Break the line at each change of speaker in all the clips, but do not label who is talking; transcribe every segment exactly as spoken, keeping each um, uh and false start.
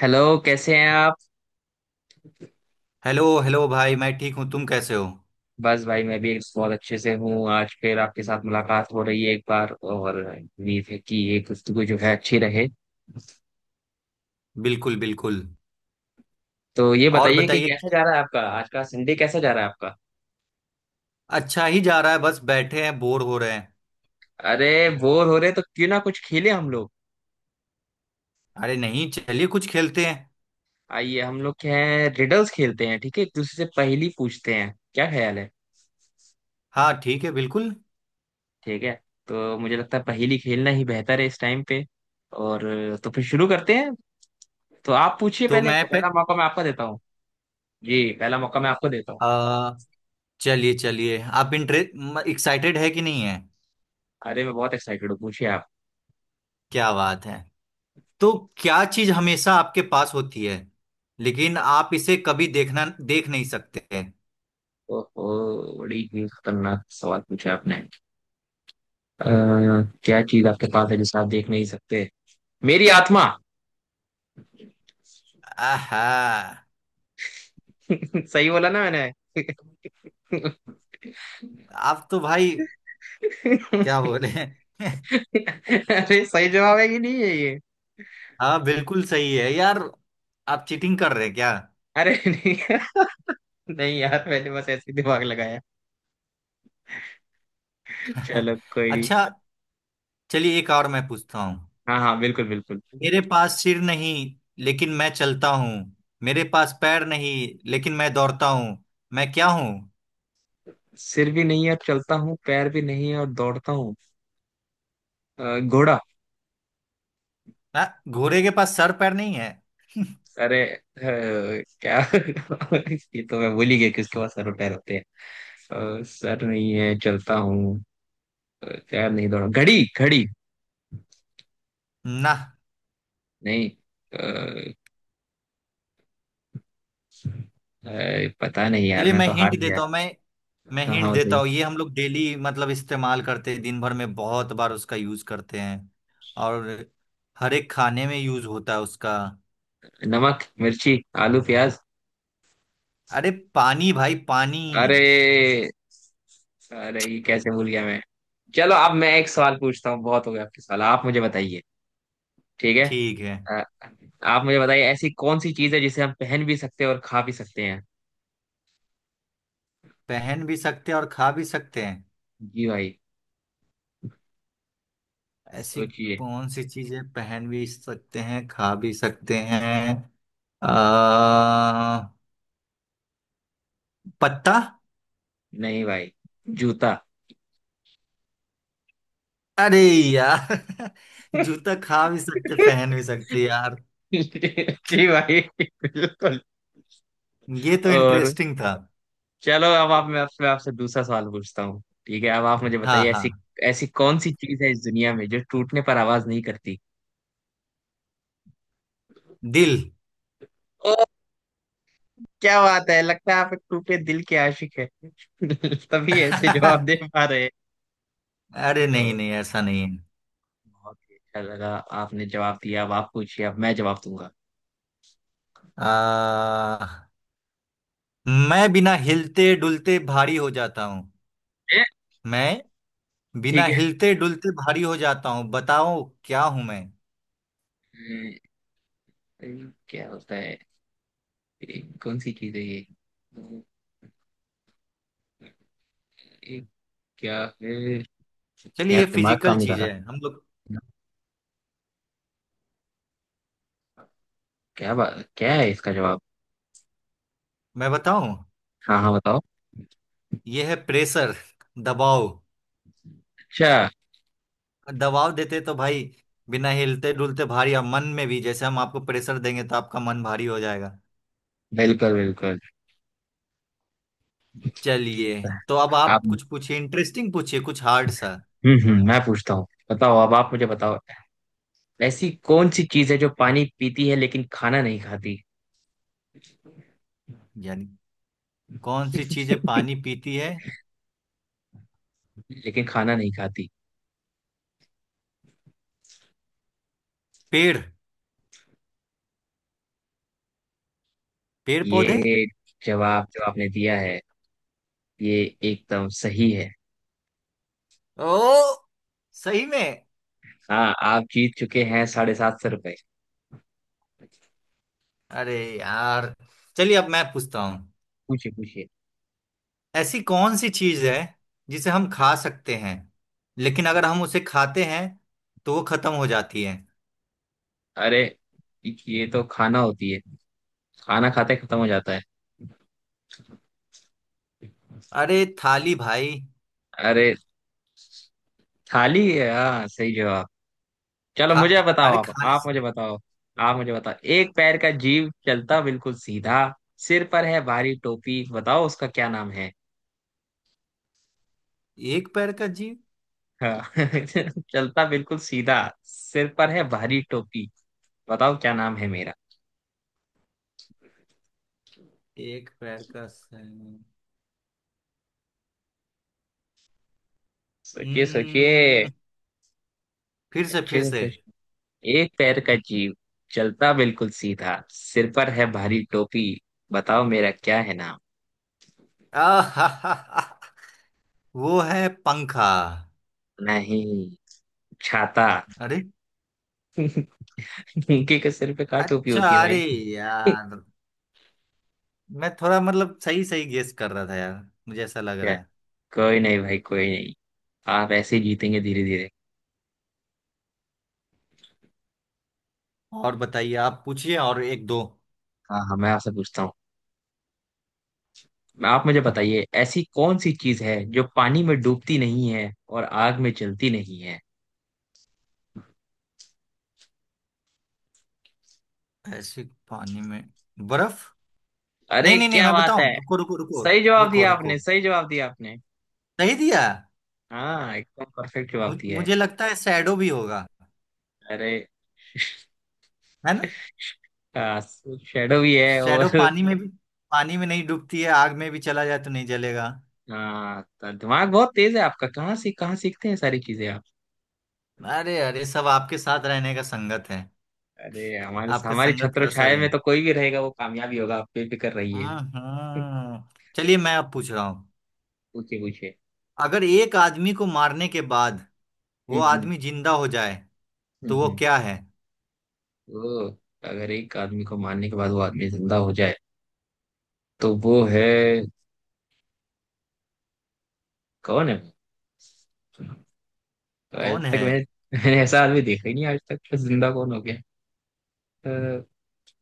Hello, कैसे हैं आप?
हेलो हेलो भाई, मैं ठीक हूँ। तुम कैसे हो?
बस भाई, मैं भी एक बहुत अच्छे से हूँ। आज फिर आपके साथ मुलाकात हो रही है एक बार, और उम्मीद है कि ये गुफ्तगू जो है अच्छी रहे।
बिल्कुल बिल्कुल।
तो ये
और
बताइए कि
बताइए।
कैसा जा रहा है आपका, आज का संडे कैसा जा रहा है आपका?
अच्छा ही जा रहा है, बस बैठे हैं बोर हो रहे हैं।
अरे बोर हो रहे तो क्यों ना कुछ खेले हम लोग।
अरे नहीं, चलिए कुछ खेलते हैं।
आइए हम लोग, क्या है, रिडल्स खेलते हैं। ठीक है, एक दूसरे से पहेली पूछते हैं, क्या ख्याल है?
हाँ ठीक है, बिल्कुल।
ठीक है। तो मुझे लगता है पहेली खेलना ही बेहतर है इस टाइम पे। और तो फिर शुरू करते हैं। तो आप पूछिए
तो
पहले,
मैं पे
पहला मौका मैं आपको देता हूँ। जी, पहला मौका मैं आपको देता हूँ।
आ, चलिए चलिए, आप इंटरेस्ट एक्साइटेड है कि नहीं है?
अरे मैं बहुत एक्साइटेड हूँ, पूछिए आप।
क्या बात है। तो क्या चीज़ हमेशा आपके पास होती है, लेकिन आप इसे कभी देखना देख नहीं सकते?
ओहो, बड़ी ही खतरनाक सवाल पूछा आपने। अ, क्या चीज आपके पास है जिसे आप देख नहीं सकते? मेरी आत्मा।
आहा।
सही बोला ना मैंने?
आप तो भाई, क्या बोले।
अरे सही जवाब है कि नहीं है ये?
हाँ बिल्कुल सही है यार। आप चीटिंग कर रहे हैं क्या?
अरे नहीं, नहीं यार, मैंने बस ऐसे ही दिमाग लगाया। चलो कोई नहीं।
अच्छा, चलिए एक और मैं पूछता हूँ।
हाँ हाँ, बिल्कुल बिल्कुल।
मेरे पास सिर नहीं, लेकिन मैं चलता हूँ। मेरे पास पैर नहीं, लेकिन मैं दौड़ता हूँ। मैं क्या हूँ?
सिर भी नहीं है और चलता हूँ, पैर भी नहीं है और दौड़ता हूँ। अ, घोड़ा।
ना, घोड़े के पास सर पैर नहीं है?
अरे अ, क्या ये तो मैं भूल ही गया कि उसके पास सर और पैर होते हैं। अ, सर नहीं है चलता हूँ। अ, पैर नहीं दौड़ा घड़ी घड़ी।
ना।
नहीं। अ, अ, पता नहीं यार,
चलिए
मैं
मैं
तो हार
हिंट
गया।
देता हूँ। मैं मैं
हाँ
हिंट
हाँ,
देता
बताइए।
हूँ, ये हम लोग डेली मतलब इस्तेमाल करते हैं, दिन भर में बहुत बार उसका यूज करते हैं। और हर एक खाने में यूज होता है उसका।
नमक मिर्ची, आलू प्याज।
अरे पानी भाई पानी।
अरे अरे, ये कैसे भूल गया मैं? चलो अब मैं एक सवाल पूछता हूँ, बहुत हो गया आपके सवाल, आप मुझे बताइए। ठीक है।
ठीक है।
अ, आप मुझे बताइए, ऐसी कौन सी चीज है जिसे हम पहन भी सकते हैं और खा भी सकते हैं?
पहन भी सकते हैं और खा भी सकते हैं?
जी भाई,
ऐसी
सोचिए।
कौन सी चीजें पहन भी सकते हैं, खा भी सकते हैं? आ, पत्ता।
नहीं भाई, जूता।
अरे यार जूता खा भी सकते पहन भी सकते यार।
जी भाई, बिल्कुल।
ये तो
और
इंटरेस्टिंग था।
चलो, अब आप, मैं आपसे आपसे दूसरा सवाल पूछता हूँ, ठीक है? अब आप मुझे
हाँ
बताइए,
हाँ।
ऐसी ऐसी कौन सी चीज है इस दुनिया में जो टूटने पर आवाज नहीं करती?
दिल।
ओ, क्या बात है, लगता है आप एक टूटे दिल के आशिक है तभी ऐसे जवाब दे पा रहे हैं।
अरे नहीं
तो
नहीं, ऐसा नहीं है।
बहुत ही अच्छा लगा, आपने जवाब दिया। अब आप पूछिए, अब मैं जवाब दूंगा।
आ, मैं बिना हिलते डुलते भारी हो जाता हूँ।
ए,
मैं बिना
ठीक है।
हिलते डुलते भारी हो जाता हूँ, बताओ क्या हूं मैं?
अम्म, क्या होता है? ए, कौन सी चीज है ये? क्या है?
चलिए, ये
यार दिमाग
फिजिकल
काम नहीं कर
चीज
रहा।
है हम लोग।
क्या बा... क्या है इसका जवाब?
मैं बताऊं,
हाँ हाँ, बताओ।
ये है प्रेशर, दबाव।
अच्छा।
दबाव देते तो भाई, बिना हिलते डुलते भारी, अब मन में भी जैसे हम आपको प्रेशर देंगे तो आपका मन भारी हो जाएगा।
बिल्कुल बिल्कुल।
चलिए, तो अब
आप।
आप कुछ पूछिए, इंटरेस्टिंग पूछिए कुछ हार्ड सा।
हम्म हम्म मैं पूछता हूँ। बताओ, अब आप मुझे बताओ। ऐसी कौन सी चीज है जो पानी पीती है लेकिन खाना नहीं खाती?
यानी कौन सी चीजें पानी पीती है?
लेकिन खाना नहीं खाती।
पेड़ पेड़ पौधे।
ये जवाब जो आपने दिया है, ये एकदम सही है।
ओ, सही में?
हाँ, आप जीत चुके हैं साढ़े सात सौ रुपए।
अरे यार, चलिए अब मैं पूछता हूँ।
पूछिए पूछिए।
ऐसी कौन सी चीज है जिसे हम खा सकते हैं, लेकिन अगर हम उसे खाते हैं तो वो खत्म हो जाती है?
अरे ये तो खाना होती है, खाना खाते खत्म हो जाता है।
अरे थाली भाई।
अरे थाली है, हाँ सही जवाब। चलो
खा
मुझे बताओ,
अरे
आप
खाने
आप
से।
मुझे बताओ। आप मुझे बताओ, एक पैर का जीव चलता बिल्कुल सीधा, सिर पर है भारी टोपी, बताओ उसका क्या नाम है?
एक पैर का जीव?
हाँ। चलता बिल्कुल सीधा, सिर पर है भारी टोपी, बताओ क्या नाम है मेरा?
एक पैर का सर?
सोचिए सोचिए,
हम्म, फिर से
अच्छे
फिर से।
से सोचिए, एक पैर का जीव, चलता बिल्कुल सीधा, सिर पर है भारी टोपी, बताओ मेरा क्या है नाम?
आहाहाहा, वो है पंखा।
नहीं, छाता।
अरे,
उनके के सिर पे का टोपी
अच्छा।
होती है
अरे
भाई।
यार, मैं थोड़ा मतलब सही सही गेस कर रहा था यार, मुझे ऐसा लग
क्या?
रहा है।
कोई नहीं भाई, कोई नहीं। आप ऐसे ही जीतेंगे धीरे धीरे।
और बताइए, आप पूछिए और एक दो।
हाँ हाँ, मैं आपसे पूछता हूँ। मैं- आप मुझे बताइए, ऐसी कौन सी चीज है जो पानी में डूबती नहीं है और आग में जलती नहीं है?
ऐसे पानी में बर्फ। नहीं
अरे
नहीं नहीं,
क्या
मैं
बात है,
बताऊं, रुको रुको रुको।
सही जवाब
रुको
दिया
रुको,
आपने, सही जवाब दिया आपने।
सही दिया।
हाँ, एकदम परफेक्ट
मु,
जवाब दिया है।
मुझे लगता है शैडो भी होगा,
अरे
है ना?
शेडो भी है
शैडो
और
पानी में भी, पानी में नहीं डूबती है, आग में भी चला जाए तो नहीं जलेगा।
हाँ तो दिमाग बहुत तेज है आपका, कहाँ से कहाँ सीखते हैं सारी चीजें आप?
अरे अरे, सब आपके साथ रहने का संगत है।
अरे हमारे
आपके
हमारी
संगत
छत्र
का असर
छाया
है।
में तो कोई भी रहेगा वो कामयाबी होगा, आप बेफिक्र रहिए।
हाँ हाँ। चलिए मैं अब पूछ रहा हूँ।
पूछे पूछे।
अगर एक आदमी को मारने के बाद वो
हम्म हम्म।
आदमी जिंदा हो जाए,
हम्म,
तो वो
हम्म।
क्या है?
वो, अगर एक आदमी को मारने के बाद वो आदमी जिंदा हो जाए तो वो है, कौन है वो? तो आज
कौन
तक
है?
मैंने मैंने ऐसा आदमी देखा ही नहीं आज तक, तो जिंदा कौन हो गया? अ,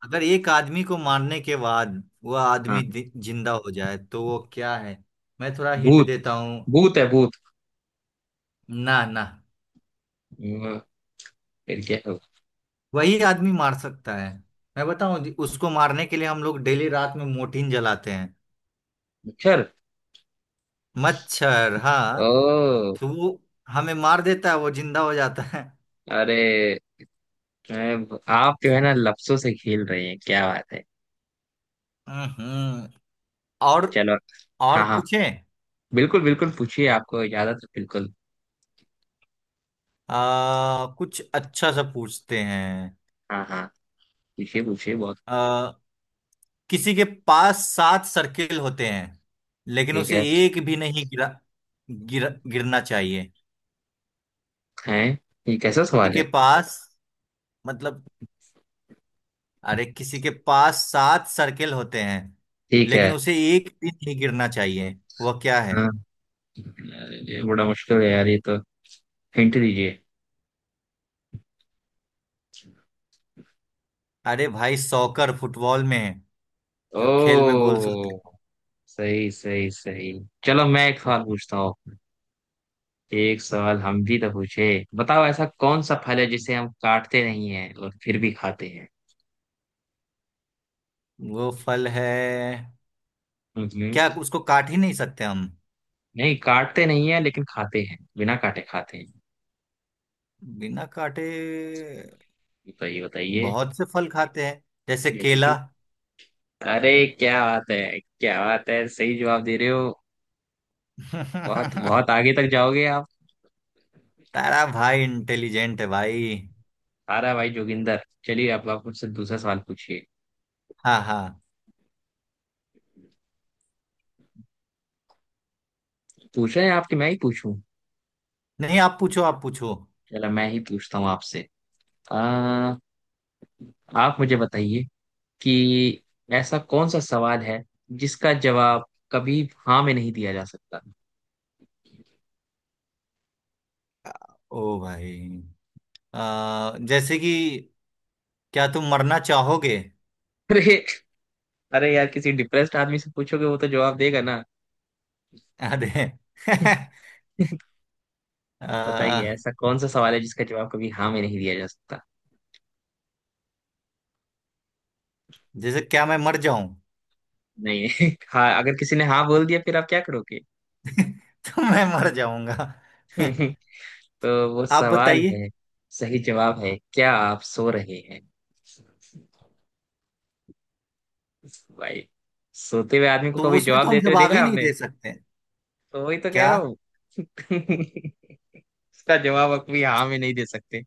अगर एक आदमी को मारने के बाद वह
हाँ
आदमी दि- जिंदा हो जाए तो वो क्या है? मैं थोड़ा हिंट
भूत,
देता हूँ।
भूत है भूत।
ना ना,
अ, फिर क्या है?
वही आदमी मार सकता है। मैं बताऊं जी, उसको मारने के लिए हम लोग डेली रात में मोर्टिन जलाते हैं।
मच्छर।
मच्छर हाँ।
ओ।
तो वो हमें मार देता है, वो जिंदा हो जाता है।
अरे अ, आप जो है ना, लफ्जों से खेल रहे हैं, क्या बात है।
हम्म। और
चलो।
और
हाँ हाँ,
पूछें।
बिल्कुल बिल्कुल, पूछिए, आपको इजाजत है बिल्कुल।
आ, कुछ अच्छा सा पूछते हैं।
हाँ हाँ, पूछिए पूछिए बहुत।
किसी के पास सात सर्किल होते हैं, लेकिन
ठीक
उसे
है।
एक भी नहीं गिरा गिर, गिरना चाहिए।
हैं? ये कैसा
किसी
सवाल
के
है?
पास मतलब अरे, किसी के पास सात सर्किल होते हैं
ठीक है।
लेकिन उसे एक भी नहीं गिरना चाहिए, वह क्या है?
हाँ। अरे ये बड़ा मुश्किल है यार, ये तो, हिंट दीजिए।
अरे भाई, सॉकर फुटबॉल में है, जो खेल में गोल्स होते
ओ,
हैं।
सही सही सही। चलो मैं एक सवाल पूछता हूँ, एक सवाल हम भी तो पूछे। बताओ, ऐसा कौन सा फल है जिसे हम काटते नहीं हैं और फिर भी खाते हैं?
वो फल है?
मतलब,
क्या उसको काट ही नहीं सकते हम?
नहीं काटते नहीं है लेकिन खाते हैं, बिना काटे खाते हैं।
बिना काटे
बताइए बताइए।
बहुत से फल खाते हैं, जैसे
जैसे
केला।
कि। अरे क्या बात है, क्या बात है, सही जवाब दे रहे हो। बहुत बहुत आगे तक जाओगे आप।
तारा भाई इंटेलिजेंट है भाई।
सारा भाई जोगिंदर, चलिए अब आप मुझसे दूसरा सवाल पूछिए।
हाँ हाँ।
पूछ रहे हैं, आपके मैं ही पूछूं?
नहीं, आप पूछो, आप पूछो।
चलो मैं ही पूछता हूँ आपसे। आ, आप मुझे बताइए कि ऐसा कौन सा सवाल है जिसका जवाब कभी हाँ में नहीं दिया जा सकता?
ओ भाई, अ, जैसे कि क्या तुम मरना चाहोगे?
अरे, अरे यार, किसी डिप्रेस्ड आदमी से पूछोगे वो तो जवाब देगा ना।
अरे
बताइए,
अ,
ऐसा कौन सा सवाल है जिसका जवाब कभी हाँ में नहीं दिया जा सकता?
जैसे क्या मैं मर जाऊं?
नहीं, हाँ अगर किसी ने हाँ बोल दिया फिर आप क्या करोगे?
तो मैं मर जाऊंगा।
तो वो
आप
सवाल
बताइए।
है, सही जवाब है, क्या आप सो रहे हैं? भाई, सोते हुए आदमी को
तो
कभी
उसमें
जवाब
तो हम
देते हुए देखा
जवाब
है
ही नहीं
आपने?
दे सकते।
तो वही तो कह
क्या?
रहा हूँ। इसका जवाब आप भी हाँ में नहीं दे सकते।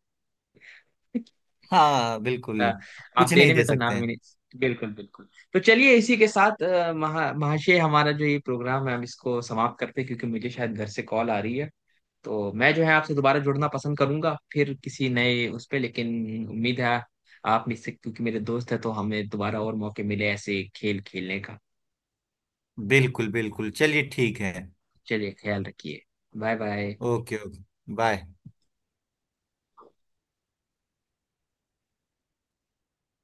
हाँ बिल्कुल।
आ, आप
कुछ नहीं
देने में
दे
तो ना
सकते
में
हैं।
नहीं, बिल्कुल बिल्कुल। तो चलिए इसी के साथ, अ, महा महाशय हमारा जो ये प्रोग्राम है हम इसको समाप्त करते हैं, क्योंकि मुझे शायद घर से कॉल आ रही है। तो मैं जो है आपसे दोबारा जुड़ना पसंद करूंगा फिर किसी नए उस पे, लेकिन उम्मीद है आप मुझसे, क्योंकि मेरे दोस्त है तो हमें दोबारा और मौके मिले ऐसे खेल खेलने का।
बिल्कुल बिल्कुल, चलिए ठीक है।
चलिए, ख्याल रखिए। Bye bye.
Okay okay, bye.